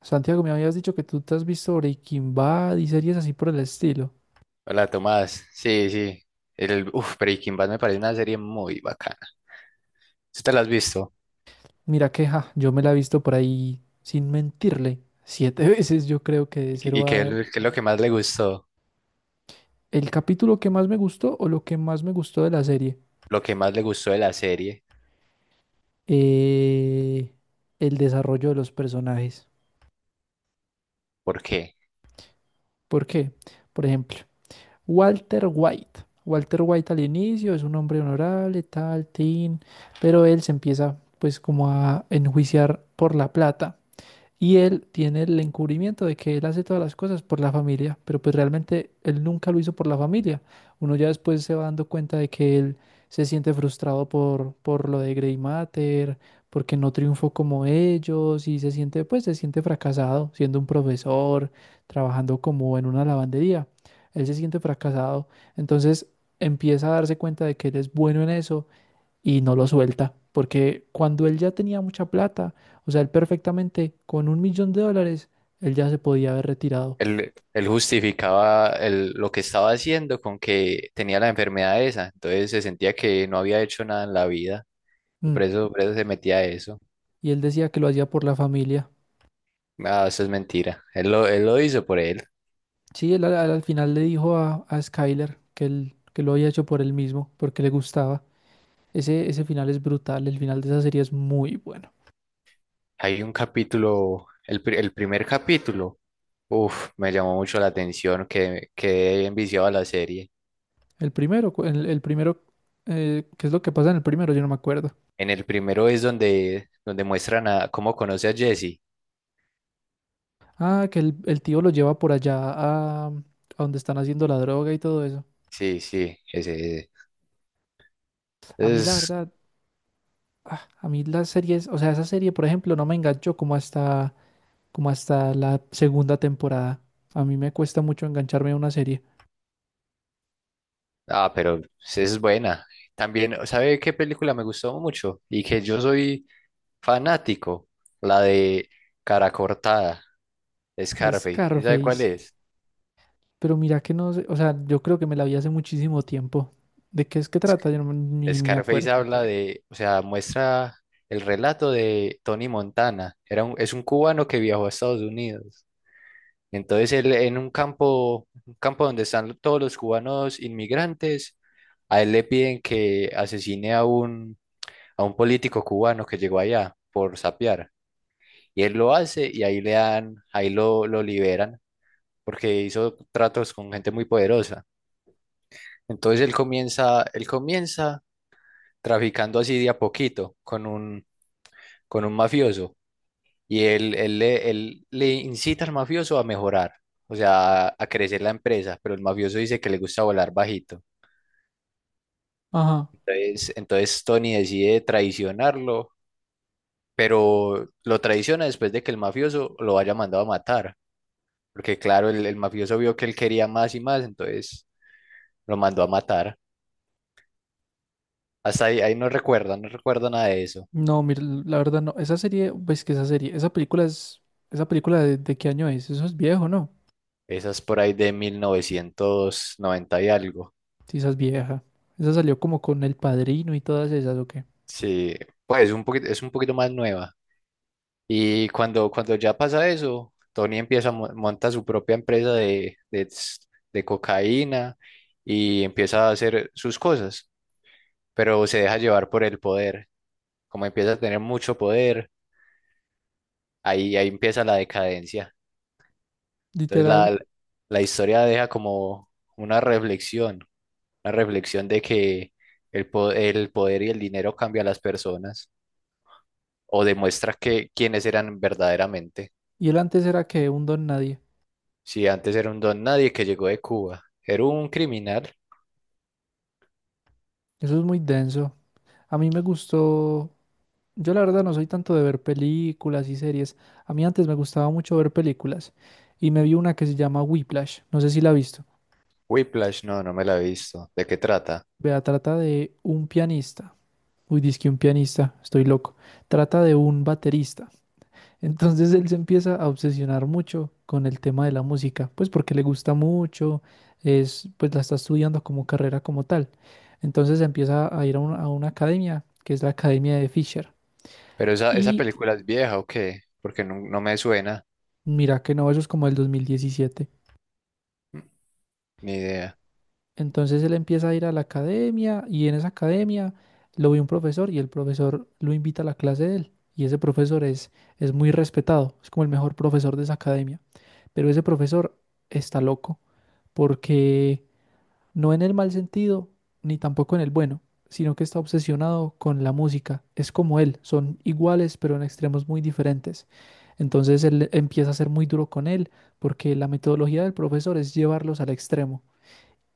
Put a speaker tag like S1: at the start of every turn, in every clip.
S1: Santiago, me habías dicho que tú te has visto Breaking Bad y series así por el estilo.
S2: Hola Tomás, sí, sí. El, Breaking Bad me parece una serie muy bacana. ¿Sí te la has visto?
S1: Mira que ja, yo me la he visto por ahí, sin mentirle, siete veces yo creo que de
S2: ¿Y, y
S1: cero
S2: qué, es
S1: a...
S2: lo qué es lo que más le gustó?
S1: El capítulo que más me gustó o lo que más me gustó de la serie,
S2: Lo que más le gustó de la serie,
S1: eh, el desarrollo de los personajes.
S2: porque
S1: ¿Por qué? Por ejemplo, Walter White. Walter White al inicio es un hombre honorable, tal, tin, pero él se empieza pues como a enjuiciar por la plata. Y él tiene el encubrimiento de que él hace todas las cosas por la familia, pero pues realmente él nunca lo hizo por la familia. Uno ya después se va dando cuenta de que él se siente frustrado por lo de Grey Matter, porque no triunfó como ellos y se siente, pues se siente fracasado siendo un profesor, trabajando como en una lavandería. Él se siente fracasado, entonces empieza a darse cuenta de que él es bueno en eso y no lo suelta, porque cuando él ya tenía mucha plata, o sea, él perfectamente con un millón de dólares, él ya se podía haber retirado.
S2: él justificaba lo que estaba haciendo con que tenía la enfermedad esa, entonces se sentía que no había hecho nada en la vida, y
S1: Mm.
S2: por eso se metía a eso.
S1: Y él decía que lo hacía por la familia.
S2: Ah, eso es mentira. Él lo hizo por él.
S1: Sí, él al final le dijo a Skyler que, él, que lo había hecho por él mismo, porque le gustaba. Ese final es brutal, el final de esa serie es muy bueno.
S2: Hay un capítulo, el primer capítulo, me llamó mucho la atención, que quedé enviciado a la serie.
S1: El primero, el primero, ¿qué es lo que pasa en el primero? Yo no me acuerdo.
S2: En el primero es donde muestran a cómo conoce a Jesse.
S1: Ah, que el tío lo lleva por allá a donde están haciendo la droga y todo eso.
S2: Sí, sí, ese, ese.
S1: A mí la
S2: Es,
S1: verdad, a mí las series, o sea, esa serie, por ejemplo, no me enganchó como hasta la segunda temporada. A mí me cuesta mucho engancharme a una serie.
S2: ah, pero esa es buena. También, ¿sabe qué película me gustó mucho? Y que yo soy fanático, la de Cara Cortada, Scarface. ¿Sí sabe cuál
S1: Scarface.
S2: es?
S1: Pero mira que no sé, o sea, yo creo que me la vi hace muchísimo tiempo. ¿De qué es que trata? Yo no, ni me acuerdo.
S2: Scarface habla de, o sea, muestra el relato de Tony Montana. Es un cubano que viajó a Estados Unidos. Entonces él en un campo donde están todos los cubanos inmigrantes, a él le piden que asesine a un político cubano que llegó allá por sapear. Y él lo hace y ahí le dan, ahí lo liberan porque hizo tratos con gente muy poderosa. Entonces él comienza traficando así de a poquito con un mafioso y él le incita al mafioso a mejorar, o sea, a crecer la empresa, pero el mafioso dice que le gusta volar bajito.
S1: Ajá.
S2: Entonces Tony decide traicionarlo, pero lo traiciona después de que el mafioso lo haya mandado a matar, porque claro, el mafioso vio que él quería más y más, entonces lo mandó a matar. Hasta ahí no recuerda, no recuerda nada de eso.
S1: No, mira, la verdad no. Esa serie, pues que esa serie, esa película es, esa película de qué año es? Eso es viejo, ¿no?
S2: Esa es por ahí de 1990 y algo.
S1: Sí, esa es vieja. Esa salió como con El Padrino y todas esas, ¿o qué?
S2: Sí, pues un poquito, es un poquito más nueva. Y cuando ya pasa eso, Tony empieza a monta su propia empresa de cocaína y empieza a hacer sus cosas, pero se deja llevar por el poder. Como empieza a tener mucho poder, ahí empieza la decadencia. Entonces
S1: Literal.
S2: la historia deja como una reflexión, una reflexión de que el poder y el dinero cambia a las personas o demuestra que quiénes eran verdaderamente.
S1: Y él antes era que un don nadie.
S2: Sí, antes era un don nadie que llegó de Cuba. Era un criminal.
S1: Eso es muy denso. A mí me gustó, yo la verdad no soy tanto de ver películas y series. A mí antes me gustaba mucho ver películas y me vi una que se llama Whiplash. No sé si la has visto.
S2: Whiplash, no, no me la he visto. ¿De qué trata?
S1: Vea, trata de un pianista. Uy, dizque un pianista, estoy loco. Trata de un baterista. Entonces él se empieza a obsesionar mucho con el tema de la música, pues porque le gusta mucho, es, pues la está estudiando como carrera como tal. Entonces empieza a ir a una academia, que es la Academia de Fisher.
S2: Pero esa, ¿esa
S1: Y
S2: película es vieja o qué? Porque no, no me suena,
S1: mira que no, eso es como el 2017.
S2: ni idea.
S1: Entonces él empieza a ir a la academia y en esa academia lo ve un profesor y el profesor lo invita a la clase de él. Y ese profesor es muy respetado, es como el mejor profesor de esa academia. Pero ese profesor está loco porque no en el mal sentido, ni tampoco en el bueno, sino que está obsesionado con la música. Es como él, son iguales, pero en extremos muy diferentes. Entonces él empieza a ser muy duro con él, porque la metodología del profesor es llevarlos al extremo.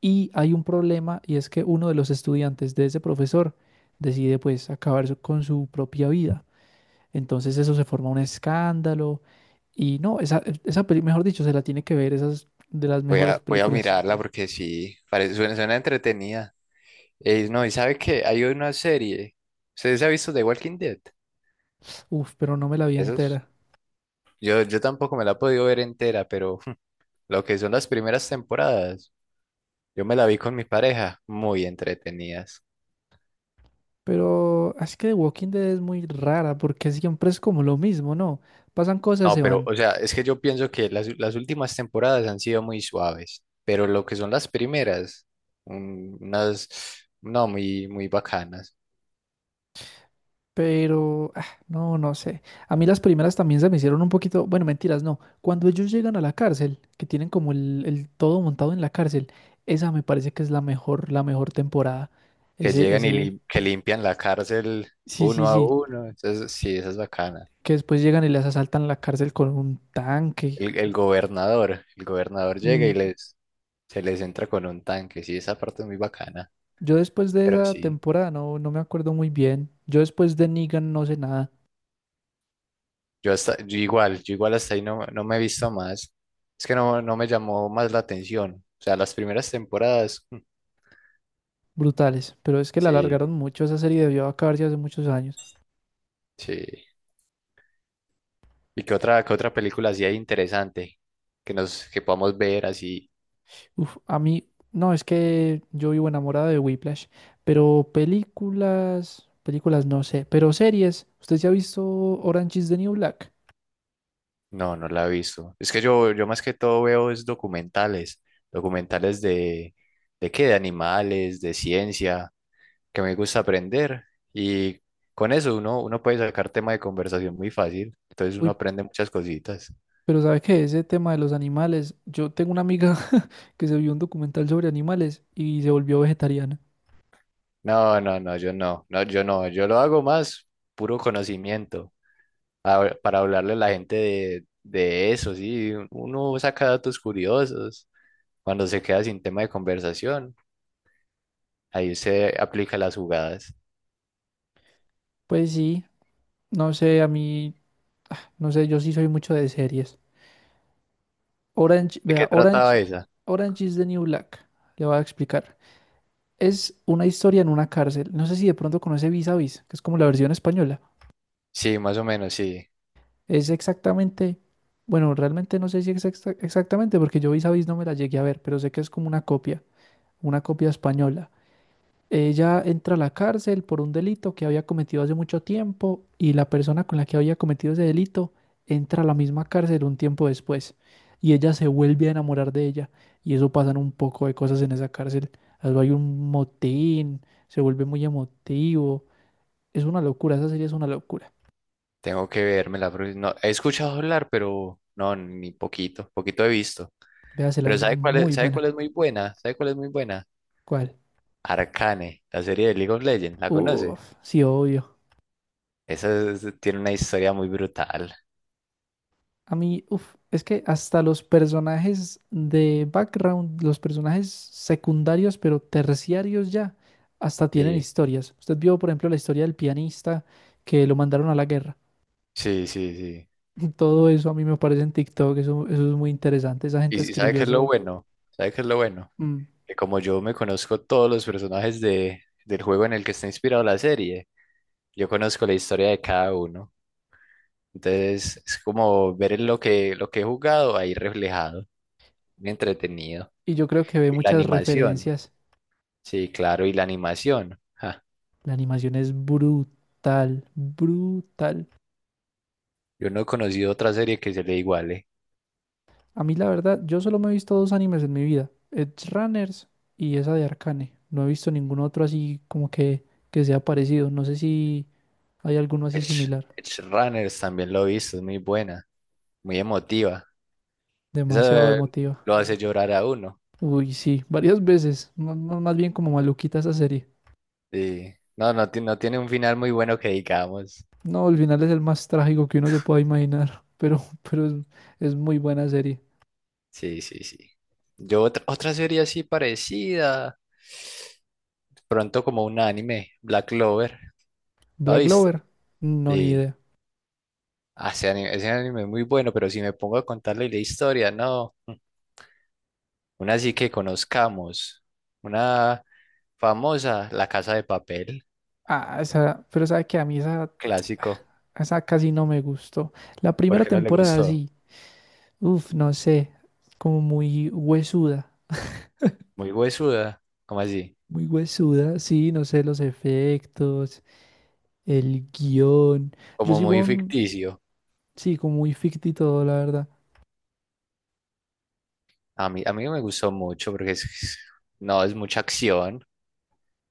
S1: Y hay un problema, y es que uno de los estudiantes de ese profesor decide pues acabar su- con su propia vida. Entonces eso se forma un escándalo. Y no, esa peli, mejor dicho, se la tiene que ver, esas de las mejores
S2: Voy a
S1: películas.
S2: mirarla porque sí, parece, suena, suena entretenida. No, y sabe que hay una serie. ¿Ustedes ha visto The Walking Dead?
S1: Uf, pero no me la vi
S2: Esos.
S1: entera.
S2: Yo tampoco me la he podido ver entera, pero lo que son las primeras temporadas, yo me la vi con mi pareja, muy entretenidas.
S1: Pero es que The Walking Dead es muy rara porque siempre es como lo mismo, ¿no? Pasan cosas,
S2: No,
S1: se
S2: pero,
S1: van,
S2: o sea, es que yo pienso que las últimas temporadas han sido muy suaves, pero lo que son las primeras, unas, no, muy, muy bacanas,
S1: pero ah, no, no sé. A mí las primeras también se me hicieron un poquito, bueno, mentiras, no. Cuando ellos llegan a la cárcel, que tienen como el todo montado en la cárcel, esa me parece que es la mejor temporada.
S2: que
S1: Ese,
S2: llegan y
S1: ese,
S2: que limpian la cárcel
S1: sí, sí,
S2: uno a
S1: sí,
S2: uno, entonces sí, esa es bacana.
S1: que después llegan y les asaltan la cárcel con un tanque.
S2: El gobernador, el gobernador llega y
S1: Mm.
S2: les, se les entra con un tanque, sí, esa parte es muy bacana,
S1: Yo después de
S2: pero
S1: esa
S2: sí,
S1: temporada no, no me acuerdo muy bien. Yo después de Negan no sé nada.
S2: yo hasta, yo igual hasta ahí no, no me he visto más, es que no, no me llamó más la atención, o sea, las primeras temporadas,
S1: Brutales, pero es que la alargaron
S2: sí.
S1: mucho, esa serie debió acabarse hace muchos años.
S2: Sí. ¿Y qué otra película así hay interesante que nos que podamos ver así?
S1: Uf, a mí, no, es que yo vivo enamorado de Whiplash, pero películas, películas no sé, pero series, ¿usted ya ha visto Orange is the New Black?
S2: No, no la he visto. Es que yo más que todo veo es documentales, documentales de qué, de animales, de ciencia, que me gusta aprender. Y con eso uno puede sacar tema de conversación muy fácil. Entonces uno
S1: Uy,
S2: aprende muchas cositas.
S1: pero ¿sabe qué? Ese tema de los animales, yo tengo una amiga que se vio un documental sobre animales y se volvió vegetariana.
S2: No, no, no, yo no, no, yo no, yo lo hago más puro conocimiento. Para hablarle a la gente de eso, sí. Uno saca datos curiosos cuando se queda sin tema de conversación. Ahí se aplica las jugadas.
S1: Pues sí, no sé, a mí, no sé, yo sí soy mucho de series. Orange,
S2: ¿De
S1: vea,
S2: qué
S1: Orange,
S2: trataba esa?
S1: Orange is the New Black, le voy a explicar. Es una historia en una cárcel. No sé si de pronto conoce Vis a Vis, que es como la versión española.
S2: Sí, más o menos, sí.
S1: Es exactamente, bueno, realmente no sé si es exacta- exactamente, porque yo Vis a Vis no me la llegué a ver, pero sé que es como una copia. Una copia española. Ella entra a la cárcel por un delito que había cometido hace mucho tiempo y la persona con la que había cometido ese delito entra a la misma cárcel un tiempo después y ella se vuelve a enamorar de ella y eso pasan un poco de cosas en esa cárcel. Algo hay un motín, se vuelve muy emotivo. Es una locura, esa serie es una locura.
S2: Tengo que verme la próxima. No, he escuchado hablar, pero no, ni poquito, poquito he visto.
S1: Véasela,
S2: Pero
S1: es muy
S2: sabe cuál
S1: buena.
S2: es muy buena? ¿Sabe cuál es muy buena?
S1: ¿Cuál?
S2: Arcane, la serie de League of Legends, ¿la conoce?
S1: Uf, sí, obvio.
S2: Esa es- tiene una historia muy brutal.
S1: A mí, uf, es que hasta los personajes de background, los personajes secundarios, pero terciarios ya, hasta tienen
S2: Sí,
S1: historias. Usted vio, por ejemplo, la historia del pianista que lo mandaron a la guerra.
S2: sí, sí, sí.
S1: Todo eso a mí me parece en TikTok, eso es muy interesante. Esa gente
S2: Y sabe
S1: escribió
S2: qué es lo
S1: eso.
S2: bueno? ¿Sabe qué es lo bueno?
S1: Mm.
S2: Que como yo me conozco todos los personajes del juego en el que está inspirado la serie, yo conozco la historia de cada uno. Entonces es como ver lo que he jugado ahí reflejado, muy entretenido.
S1: Y yo creo que ve
S2: Y la
S1: muchas
S2: animación,
S1: referencias.
S2: sí, claro, y la animación. Ja,
S1: La animación es brutal, brutal.
S2: yo no he conocido otra serie que se le iguale.
S1: A mí la verdad, yo solo me he visto dos animes en mi vida, Edge Runners y esa de Arcane. No he visto ningún otro así como que sea parecido. No sé si hay alguno así
S2: Edge,
S1: similar.
S2: Edge Runners también lo he visto, es muy buena, muy emotiva.
S1: Demasiado
S2: Esa
S1: emotiva.
S2: lo hace llorar a uno.
S1: Uy, sí, varias veces. No- no, más bien como maluquita esa serie.
S2: Sí. No, no, no tiene un final muy bueno que digamos.
S1: No, el final es el más trágico que uno se pueda imaginar, pero es muy buena serie.
S2: Sí, sí, sí. Yo otra, otra serie así parecida, pronto como un anime, Black Clover, ¿lo has
S1: Black
S2: visto?
S1: Clover, no, ni
S2: Sí.
S1: idea.
S2: Ah, ese anime es muy bueno, pero si me pongo a contarle la historia, no, una así que conozcamos, una famosa, La Casa de Papel,
S1: Ah, esa, pero sabe que a mí esa,
S2: clásico.
S1: esa casi no me gustó. La
S2: ¿Por
S1: primera
S2: qué no le
S1: temporada
S2: gustó?
S1: sí. Uf, no sé, como
S2: Muy huesuda, como así?
S1: muy huesuda, sí, no sé, los efectos, el guión. Yo
S2: Como
S1: sigo
S2: muy
S1: un,
S2: ficticio.
S1: sí, como muy ficti todo, la verdad.
S2: A mí no me gustó mucho porque no, es mucha acción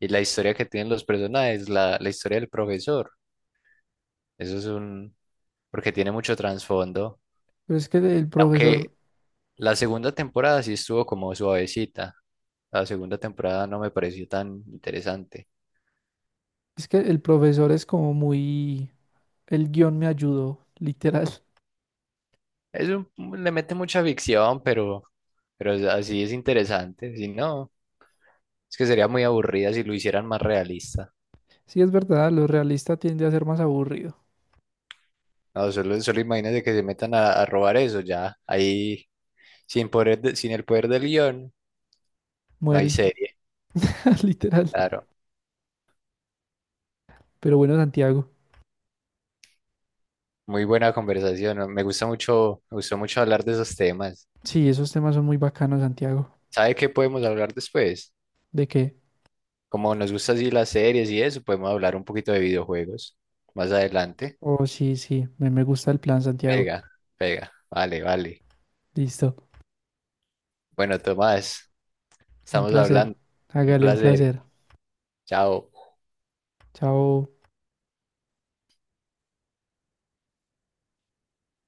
S2: y la historia que tienen los personajes, la historia del profesor. Eso es un... porque tiene mucho trasfondo.
S1: Pero es que el profesor,
S2: Aunque la segunda temporada sí estuvo como suavecita. La segunda temporada no me pareció tan interesante.
S1: es que el profesor es como muy, el guión me ayudó, literal.
S2: Le mete mucha ficción, pero, así es interesante. Si no, es que sería muy aburrida si lo hicieran más realista.
S1: Sí, es verdad, lo realista tiende a ser más aburrido.
S2: No, solo, solo imagínate que se metan a robar eso ya. Ahí, sin el poder del guión, no hay
S1: Mueren,
S2: serie.
S1: literal.
S2: Claro.
S1: Pero bueno, Santiago,
S2: Muy buena conversación, ¿no? Me gusta mucho, me gustó mucho hablar de esos temas.
S1: sí, esos temas son muy bacanos, Santiago.
S2: ¿Sabe qué podemos hablar después?
S1: ¿De qué?
S2: Como nos gusta así las series y eso, podemos hablar un poquito de videojuegos más adelante.
S1: Oh, sí, sí, me gusta el plan, Santiago.
S2: Pega, pega. Vale, vale.
S1: Listo.
S2: Bueno, Tomás,
S1: Un
S2: estamos
S1: placer.
S2: hablando. Un
S1: Hágale un
S2: placer.
S1: placer.
S2: Chao.
S1: Chao.